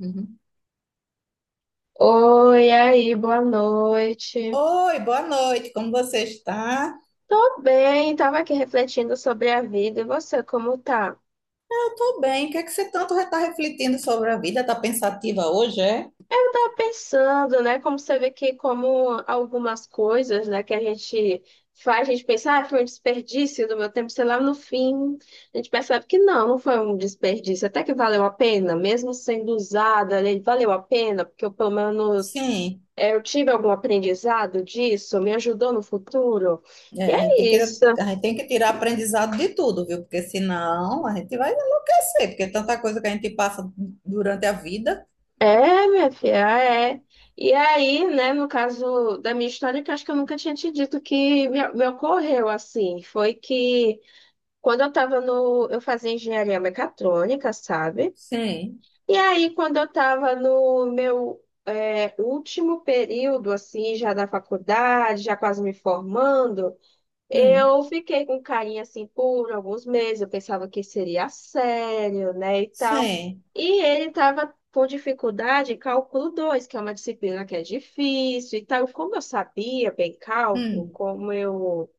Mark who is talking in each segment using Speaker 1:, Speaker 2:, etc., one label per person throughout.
Speaker 1: Uhum.
Speaker 2: Oi, aí, boa noite.
Speaker 1: Oi, boa noite, como você está?
Speaker 2: Tô bem, tava aqui refletindo sobre a vida. E você, como tá?
Speaker 1: Eu estou bem, o que é que você tanto está refletindo sobre a vida? Está pensativa hoje, é?
Speaker 2: Eu tava pensando, né, como você vê que como algumas coisas, né, que a gente faz, a gente pensa, ah, foi um desperdício do meu tempo, sei lá, no fim, a gente percebe que não, não foi um desperdício, até que valeu a pena, mesmo sendo usada, né, valeu a pena, porque eu, pelo menos
Speaker 1: Sim,
Speaker 2: eu tive algum aprendizado disso, me ajudou no futuro. E
Speaker 1: é, a gente
Speaker 2: é
Speaker 1: tem que,
Speaker 2: isso.
Speaker 1: a gente tem que tirar aprendizado de tudo, viu? Porque senão a gente vai enlouquecer, porque é tanta coisa que a gente passa durante a vida.
Speaker 2: É, minha filha, é. E aí, né, no caso da minha história, que eu acho que eu nunca tinha te dito que me ocorreu assim, foi que quando eu tava no, eu fazia engenharia mecatrônica, sabe?
Speaker 1: Sim,
Speaker 2: E aí, quando eu tava no meu último período, assim, já da faculdade, já quase me formando,
Speaker 1: hum,
Speaker 2: eu fiquei com carinha assim por alguns meses, eu pensava que seria sério, né, e tal.
Speaker 1: sim,
Speaker 2: E ele estava com dificuldade em cálculo dois, que é uma disciplina que é difícil e tal. Como eu sabia bem cálculo,
Speaker 1: hum,
Speaker 2: como eu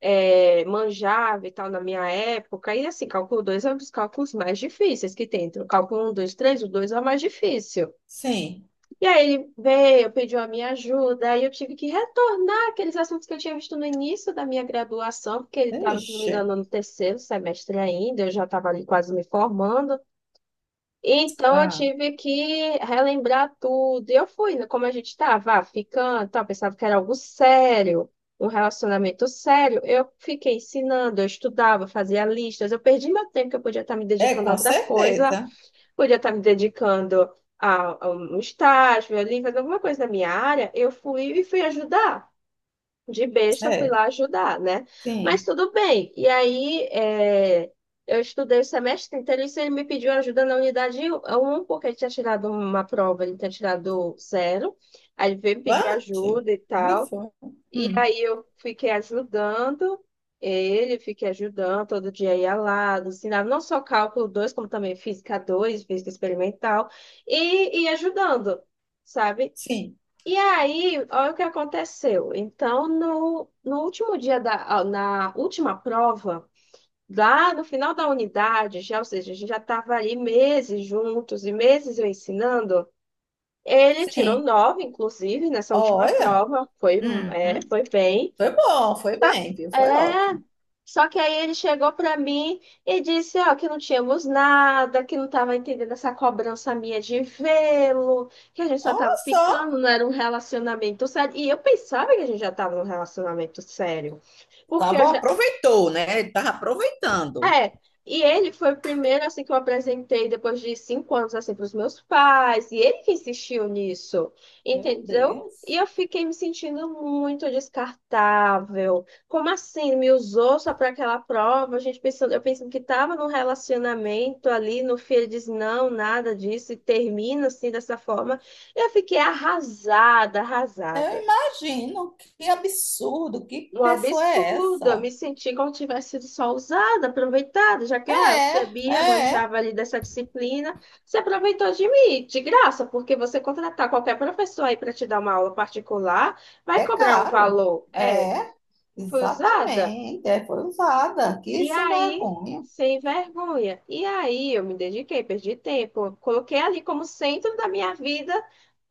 Speaker 2: manjava e tal na minha época, e assim, cálculo 2 é um dos cálculos mais difíceis que tem. Entre o cálculo um, dois, três, o 2 é o mais difícil.
Speaker 1: sim.
Speaker 2: E aí ele veio, pediu a minha ajuda, aí eu tive que retornar aqueles assuntos que eu tinha visto no início da minha graduação, porque ele estava, se não me
Speaker 1: Ixi,
Speaker 2: engano, no terceiro semestre ainda, eu já estava ali quase me formando. Então eu
Speaker 1: ah,
Speaker 2: tive que relembrar tudo. E eu fui, né, como a gente estava, ah, ficando, tal, pensava que era algo sério, um relacionamento sério. Eu fiquei ensinando, eu estudava, fazia listas, eu perdi meu tempo que eu podia estar me
Speaker 1: é,
Speaker 2: dedicando a
Speaker 1: com
Speaker 2: outras coisas,
Speaker 1: certeza,
Speaker 2: podia estar me dedicando a um estágio ali, fazer alguma coisa na minha área, eu fui e fui ajudar. De besta, fui
Speaker 1: é,
Speaker 2: lá ajudar, né? Mas
Speaker 1: sim.
Speaker 2: tudo bem. E aí, eu estudei o semestre inteiro, isso ele me pediu ajuda na unidade 1, porque ele tinha tirado uma prova, ele tinha tirado zero. Aí ele veio me pedir
Speaker 1: Bate,
Speaker 2: ajuda e
Speaker 1: me
Speaker 2: tal.
Speaker 1: foi,
Speaker 2: E
Speaker 1: hum,
Speaker 2: aí eu fiquei ajudando ele, fiquei ajudando, todo dia ia lá, ensinava não só cálculo 2 como também física dois, física experimental, e ia ajudando, sabe?
Speaker 1: sim,
Speaker 2: E aí, olha o que aconteceu. Então, no último dia da, ah, na última prova, lá no final da unidade, já, ou seja, a gente já estava ali meses juntos e meses eu ensinando. Ele tirou
Speaker 1: sim.
Speaker 2: nove, inclusive, nessa última
Speaker 1: Olha.
Speaker 2: prova,
Speaker 1: Uhum.
Speaker 2: foi bem.
Speaker 1: Foi bom, foi bem, viu? Foi
Speaker 2: É,
Speaker 1: ótimo.
Speaker 2: só que aí ele chegou para mim e disse, ó, que não tínhamos nada, que não estava entendendo essa cobrança minha de vê-lo, que a gente só estava
Speaker 1: Olha só,
Speaker 2: ficando, não era um relacionamento sério. E eu pensava que a gente já estava num relacionamento sério, porque eu
Speaker 1: tava, aproveitou, né? Ele tava aproveitando.
Speaker 2: é, e ele foi o primeiro assim que eu apresentei depois de cinco anos assim para os meus pais, e ele que insistiu nisso,
Speaker 1: Meu
Speaker 2: entendeu? E
Speaker 1: Deus.
Speaker 2: eu fiquei me sentindo muito descartável. Como assim? Me usou só para aquela prova? A gente pensando, eu pensando que estava num relacionamento ali, no fim ele diz não, nada disso, e termina assim dessa forma. Eu fiquei arrasada,
Speaker 1: Eu
Speaker 2: arrasada.
Speaker 1: imagino, que absurdo, que
Speaker 2: Um
Speaker 1: pessoa é
Speaker 2: absurdo, eu
Speaker 1: essa?
Speaker 2: me senti como se tivesse sido só usada, aproveitada, já que ah, eu
Speaker 1: É,
Speaker 2: sabia,
Speaker 1: é,
Speaker 2: manjava ali dessa disciplina. Você aproveitou de mim, de graça, porque você contratar qualquer professor aí para te dar uma aula particular, vai
Speaker 1: é
Speaker 2: cobrar um
Speaker 1: caro.
Speaker 2: valor. É,
Speaker 1: É,
Speaker 2: foi usada.
Speaker 1: exatamente. É, foi usada. Que
Speaker 2: E
Speaker 1: sem
Speaker 2: aí,
Speaker 1: vergonha.
Speaker 2: sem vergonha. E aí, eu me dediquei, perdi tempo, coloquei ali como centro da minha vida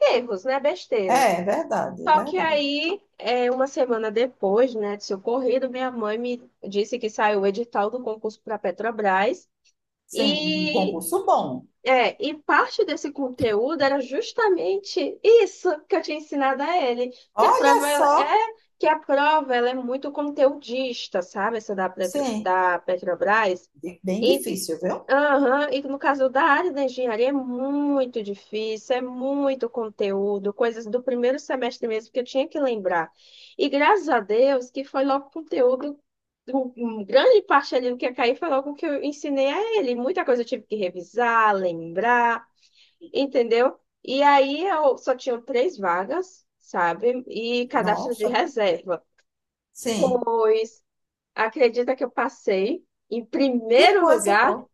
Speaker 2: erros, né, besteiras.
Speaker 1: É, é verdade, é
Speaker 2: Só que
Speaker 1: verdade.
Speaker 2: aí, uma semana depois, né, de ser ocorrido, minha mãe me disse que saiu o edital do concurso para a Petrobras
Speaker 1: Sim, um
Speaker 2: e,
Speaker 1: concurso bom.
Speaker 2: e parte desse conteúdo era justamente isso que eu tinha ensinado a ele, que a prova
Speaker 1: Olha
Speaker 2: ela
Speaker 1: só,
Speaker 2: é, que a prova ela é muito conteudista, sabe, essa da, Petro-
Speaker 1: sim,
Speaker 2: da Petrobras.
Speaker 1: bem difícil, viu?
Speaker 2: Aham. E no caso da área da engenharia é muito difícil, é muito conteúdo, coisas do primeiro semestre mesmo que eu tinha que lembrar. E graças a Deus que foi logo conteúdo, um- um grande parte ali do que ia cair foi logo o que eu ensinei a ele. Muita coisa eu tive que revisar, lembrar, entendeu? E aí eu só tinha três vagas, sabe? E cadastro de
Speaker 1: Nossa,
Speaker 2: reserva.
Speaker 1: sim,
Speaker 2: Pois, acredita que eu passei em
Speaker 1: que
Speaker 2: primeiro
Speaker 1: coisa
Speaker 2: lugar?
Speaker 1: boa.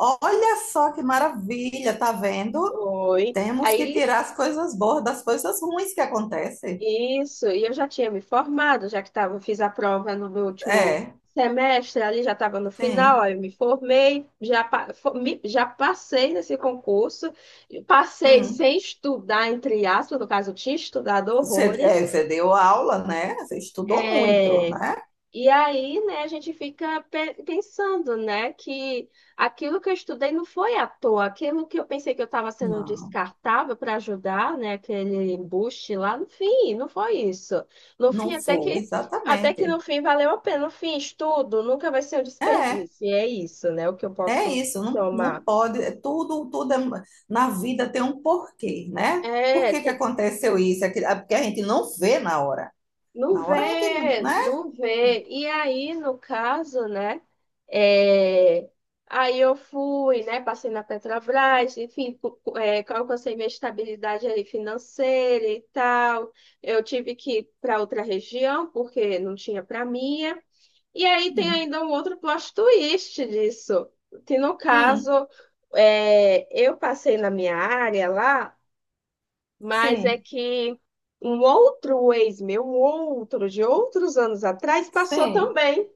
Speaker 1: Olha só, que maravilha, tá vendo?
Speaker 2: Oi.
Speaker 1: Temos que
Speaker 2: Aí
Speaker 1: tirar as coisas boas das coisas ruins que acontecem.
Speaker 2: isso, e eu já tinha me formado, já que tava, fiz a prova no meu último
Speaker 1: É,
Speaker 2: semestre, ali já estava no final,
Speaker 1: sim.
Speaker 2: aí eu me formei, já, já passei nesse concurso, e passei
Speaker 1: Hum.
Speaker 2: sem estudar, entre aspas, no caso, eu tinha estudado
Speaker 1: Você, é,
Speaker 2: horrores.
Speaker 1: você deu aula, né? Você estudou muito,
Speaker 2: é,
Speaker 1: né?
Speaker 2: e aí, né, a gente fica pensando, né, que aquilo que eu estudei não foi à toa, aquilo que eu pensei que eu estava sendo
Speaker 1: Não,
Speaker 2: descartável para ajudar, né, aquele embuste lá, no fim, não foi isso. No fim,
Speaker 1: não foi,
Speaker 2: até que
Speaker 1: exatamente.
Speaker 2: no fim valeu a pena. No fim, estudo nunca vai ser um
Speaker 1: É,
Speaker 2: desperdício. E é isso, né, o que eu
Speaker 1: é
Speaker 2: posso
Speaker 1: isso, não, não
Speaker 2: tomar.
Speaker 1: pode. É Tudo, tudo na vida tem um porquê, né? Por
Speaker 2: É,
Speaker 1: que que
Speaker 2: tem.
Speaker 1: aconteceu isso? É porque a gente não vê na hora.
Speaker 2: Não
Speaker 1: Na hora a gente não,
Speaker 2: vê,
Speaker 1: né?
Speaker 2: não vê. E aí, no caso, né? é, aí eu fui, né? Passei na Petrobras, enfim, alcancei minha estabilidade aí financeira e tal. Eu tive que ir para outra região, porque não tinha para minha. E aí tem
Speaker 1: Hum,
Speaker 2: ainda um outro plot twist disso, que no
Speaker 1: hum,
Speaker 2: caso, eu passei na minha área lá, mas é
Speaker 1: sim,
Speaker 2: que um outro ex meu, um outro de outros anos atrás, passou
Speaker 1: sim.
Speaker 2: também.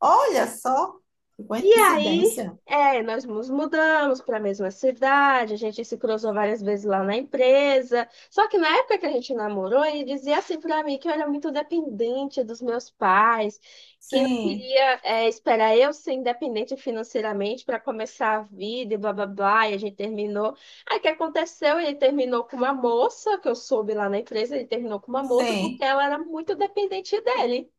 Speaker 1: Olha só, que
Speaker 2: E aí,
Speaker 1: coincidência.
Speaker 2: nós nos mudamos para a mesma cidade, a gente se cruzou várias vezes lá na empresa. Só que na época que a gente namorou, ele dizia assim para mim que eu era muito dependente dos meus pais, que não
Speaker 1: Sim,
Speaker 2: queria, esperar eu ser independente financeiramente para começar a vida e blá blá blá. E a gente terminou. Aí o que aconteceu? Ele terminou com uma moça, que eu soube lá na empresa, ele terminou com uma moça porque
Speaker 1: sim.
Speaker 2: ela era muito dependente dele.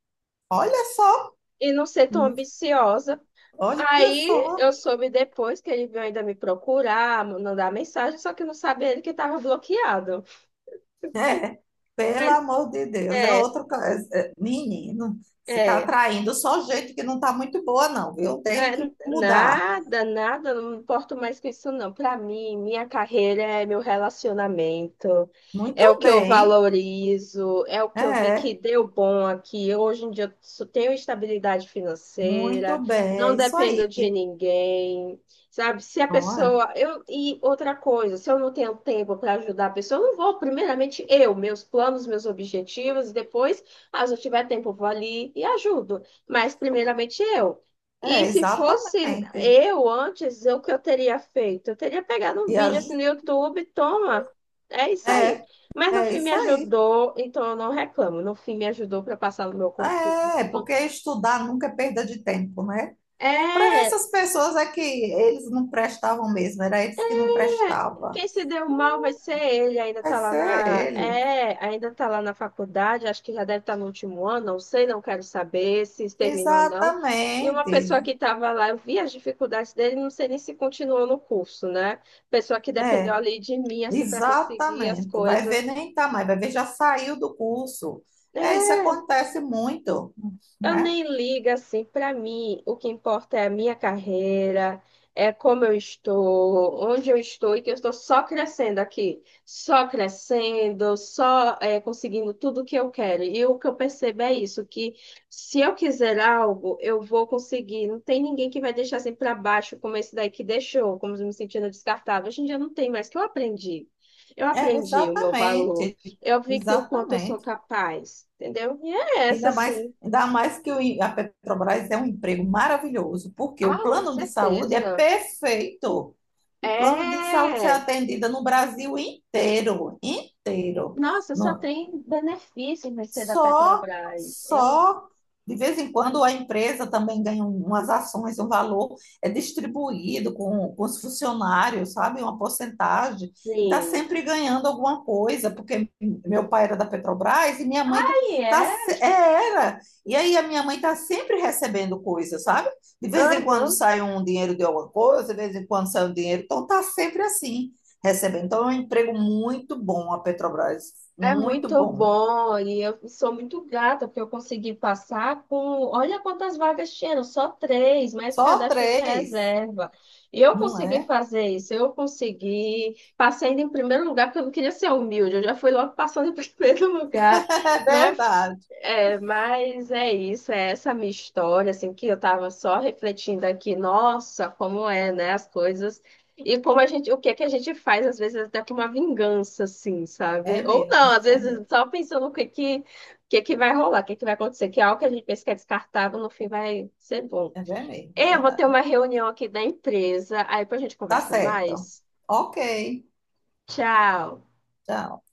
Speaker 1: Olha só,
Speaker 2: E não ser tão ambiciosa.
Speaker 1: olha
Speaker 2: Aí
Speaker 1: só.
Speaker 2: eu soube depois que ele veio ainda me procurar, mandar mensagem, só que não sabia ele que estava bloqueado.
Speaker 1: É, pelo
Speaker 2: Mas
Speaker 1: amor de Deus,
Speaker 2: é,
Speaker 1: é, é, menino. Você está
Speaker 2: é.
Speaker 1: atraindo só gente que não está muito boa, não, viu?
Speaker 2: É,
Speaker 1: Tem que mudar.
Speaker 2: nada, nada, não me importo mais com isso, não. Para mim, minha carreira é meu relacionamento, é o
Speaker 1: Muito
Speaker 2: que eu
Speaker 1: bem,
Speaker 2: valorizo, é o que eu vi que
Speaker 1: é,
Speaker 2: deu bom aqui. Hoje em dia eu só tenho estabilidade
Speaker 1: muito
Speaker 2: financeira,
Speaker 1: bem,
Speaker 2: não
Speaker 1: é isso
Speaker 2: dependo
Speaker 1: aí.
Speaker 2: de ninguém, sabe? Se a
Speaker 1: Olha,
Speaker 2: pessoa. Eu, e outra coisa, se eu não tenho tempo para ajudar a pessoa, eu não vou, primeiramente, eu, meus planos, meus objetivos, e depois, ah, se eu tiver tempo, eu vou ali e ajudo. Mas, primeiramente, eu. E
Speaker 1: é,
Speaker 2: se fosse
Speaker 1: exatamente.
Speaker 2: eu antes, o que eu teria feito? Eu teria pegado um
Speaker 1: E a
Speaker 2: vídeo assim
Speaker 1: ju-
Speaker 2: no YouTube, toma, é isso aí.
Speaker 1: é,
Speaker 2: Mas no
Speaker 1: é
Speaker 2: fim me
Speaker 1: isso aí.
Speaker 2: ajudou, então eu não reclamo. No fim me ajudou para passar no meu concurso.
Speaker 1: É, porque estudar nunca é perda de tempo, né? Para
Speaker 2: É.
Speaker 1: essas pessoas é que eles não prestavam mesmo, era eles que não
Speaker 2: É,
Speaker 1: prestavam.
Speaker 2: quem se deu mal vai ser ele, ainda
Speaker 1: Vai
Speaker 2: tá lá
Speaker 1: ser
Speaker 2: na,
Speaker 1: ele.
Speaker 2: é, ainda tá lá na faculdade, acho que já deve estar no último ano, não sei, não quero saber se terminou ou não. E uma
Speaker 1: Exatamente.
Speaker 2: pessoa que estava lá, eu vi as dificuldades dele, não sei nem se continuou no curso, né? Pessoa que dependeu
Speaker 1: É,
Speaker 2: ali de mim, assim, para conseguir as
Speaker 1: exatamente. Vai ver
Speaker 2: coisas.
Speaker 1: nem tá mais, vai ver já saiu do curso. É,
Speaker 2: É.
Speaker 1: isso acontece muito,
Speaker 2: Eu
Speaker 1: né?
Speaker 2: nem ligo assim, para mim, o que importa é a minha carreira, é como eu estou, onde eu estou e que eu estou só crescendo aqui, só crescendo, conseguindo tudo o que eu quero. E o que eu percebo é isso, que se eu quiser algo, eu vou conseguir. Não tem ninguém que vai deixar assim para baixo, como esse daí que deixou, como me sentindo descartável. Hoje em dia não tem mais, que eu aprendi. Eu
Speaker 1: É,
Speaker 2: aprendi o meu valor.
Speaker 1: exatamente.
Speaker 2: Eu vi que o quanto eu sou
Speaker 1: Exatamente.
Speaker 2: capaz, entendeu? E é essa,
Speaker 1: Ainda mais,
Speaker 2: assim.
Speaker 1: ainda mais que a Petrobras é um emprego maravilhoso, porque o
Speaker 2: Ah, com
Speaker 1: plano de saúde é
Speaker 2: certeza.
Speaker 1: perfeito. O plano de saúde é
Speaker 2: É.
Speaker 1: atendida no Brasil inteiro, inteiro.
Speaker 2: Nossa, só
Speaker 1: No-
Speaker 2: tem benefício em ser da
Speaker 1: só,
Speaker 2: Petrobras. Eu,
Speaker 1: só de vez em quando a empresa também ganha um, umas ações, um valor é distribuído com os funcionários, sabe? Uma porcentagem, e está
Speaker 2: sim.
Speaker 1: sempre ganhando alguma coisa, porque meu pai era da Petrobras e minha mãe tá,
Speaker 2: Aí é.
Speaker 1: é, era. E aí a minha mãe está sempre recebendo coisa, sabe? De vez em quando
Speaker 2: Aham.
Speaker 1: sai um dinheiro de alguma coisa, de vez em quando sai um dinheiro, então está sempre assim, recebendo. Então é um emprego muito bom a Petrobras,
Speaker 2: É
Speaker 1: muito
Speaker 2: muito
Speaker 1: bom.
Speaker 2: bom e eu sou muito grata porque eu consegui passar com. Olha quantas vagas tinham, só três, mais
Speaker 1: Só
Speaker 2: cadastro de
Speaker 1: três?
Speaker 2: reserva. E eu
Speaker 1: Não
Speaker 2: consegui
Speaker 1: é?
Speaker 2: fazer isso, eu consegui. Passei ainda em primeiro lugar, porque eu não queria ser humilde, eu já fui logo passando em primeiro lugar.
Speaker 1: É
Speaker 2: Mas
Speaker 1: verdade.
Speaker 2: É, mas é isso, é essa minha história, assim, que eu tava só refletindo aqui, nossa, como é, né, as coisas, e como a gente, o que é que a gente faz, às vezes, até com uma vingança, assim,
Speaker 1: É
Speaker 2: sabe? Ou não,
Speaker 1: mesmo,
Speaker 2: às
Speaker 1: é
Speaker 2: vezes,
Speaker 1: mesmo.
Speaker 2: só pensando o que que vai rolar, o que que vai acontecer, que é algo que a gente pensa que é descartável, no fim vai ser bom.
Speaker 1: Mesmo, é
Speaker 2: Eu vou ter
Speaker 1: verdade.
Speaker 2: uma reunião aqui da empresa, aí depois a gente
Speaker 1: Tá
Speaker 2: conversa
Speaker 1: certo.
Speaker 2: mais.
Speaker 1: Ok.
Speaker 2: Tchau!
Speaker 1: Tchau.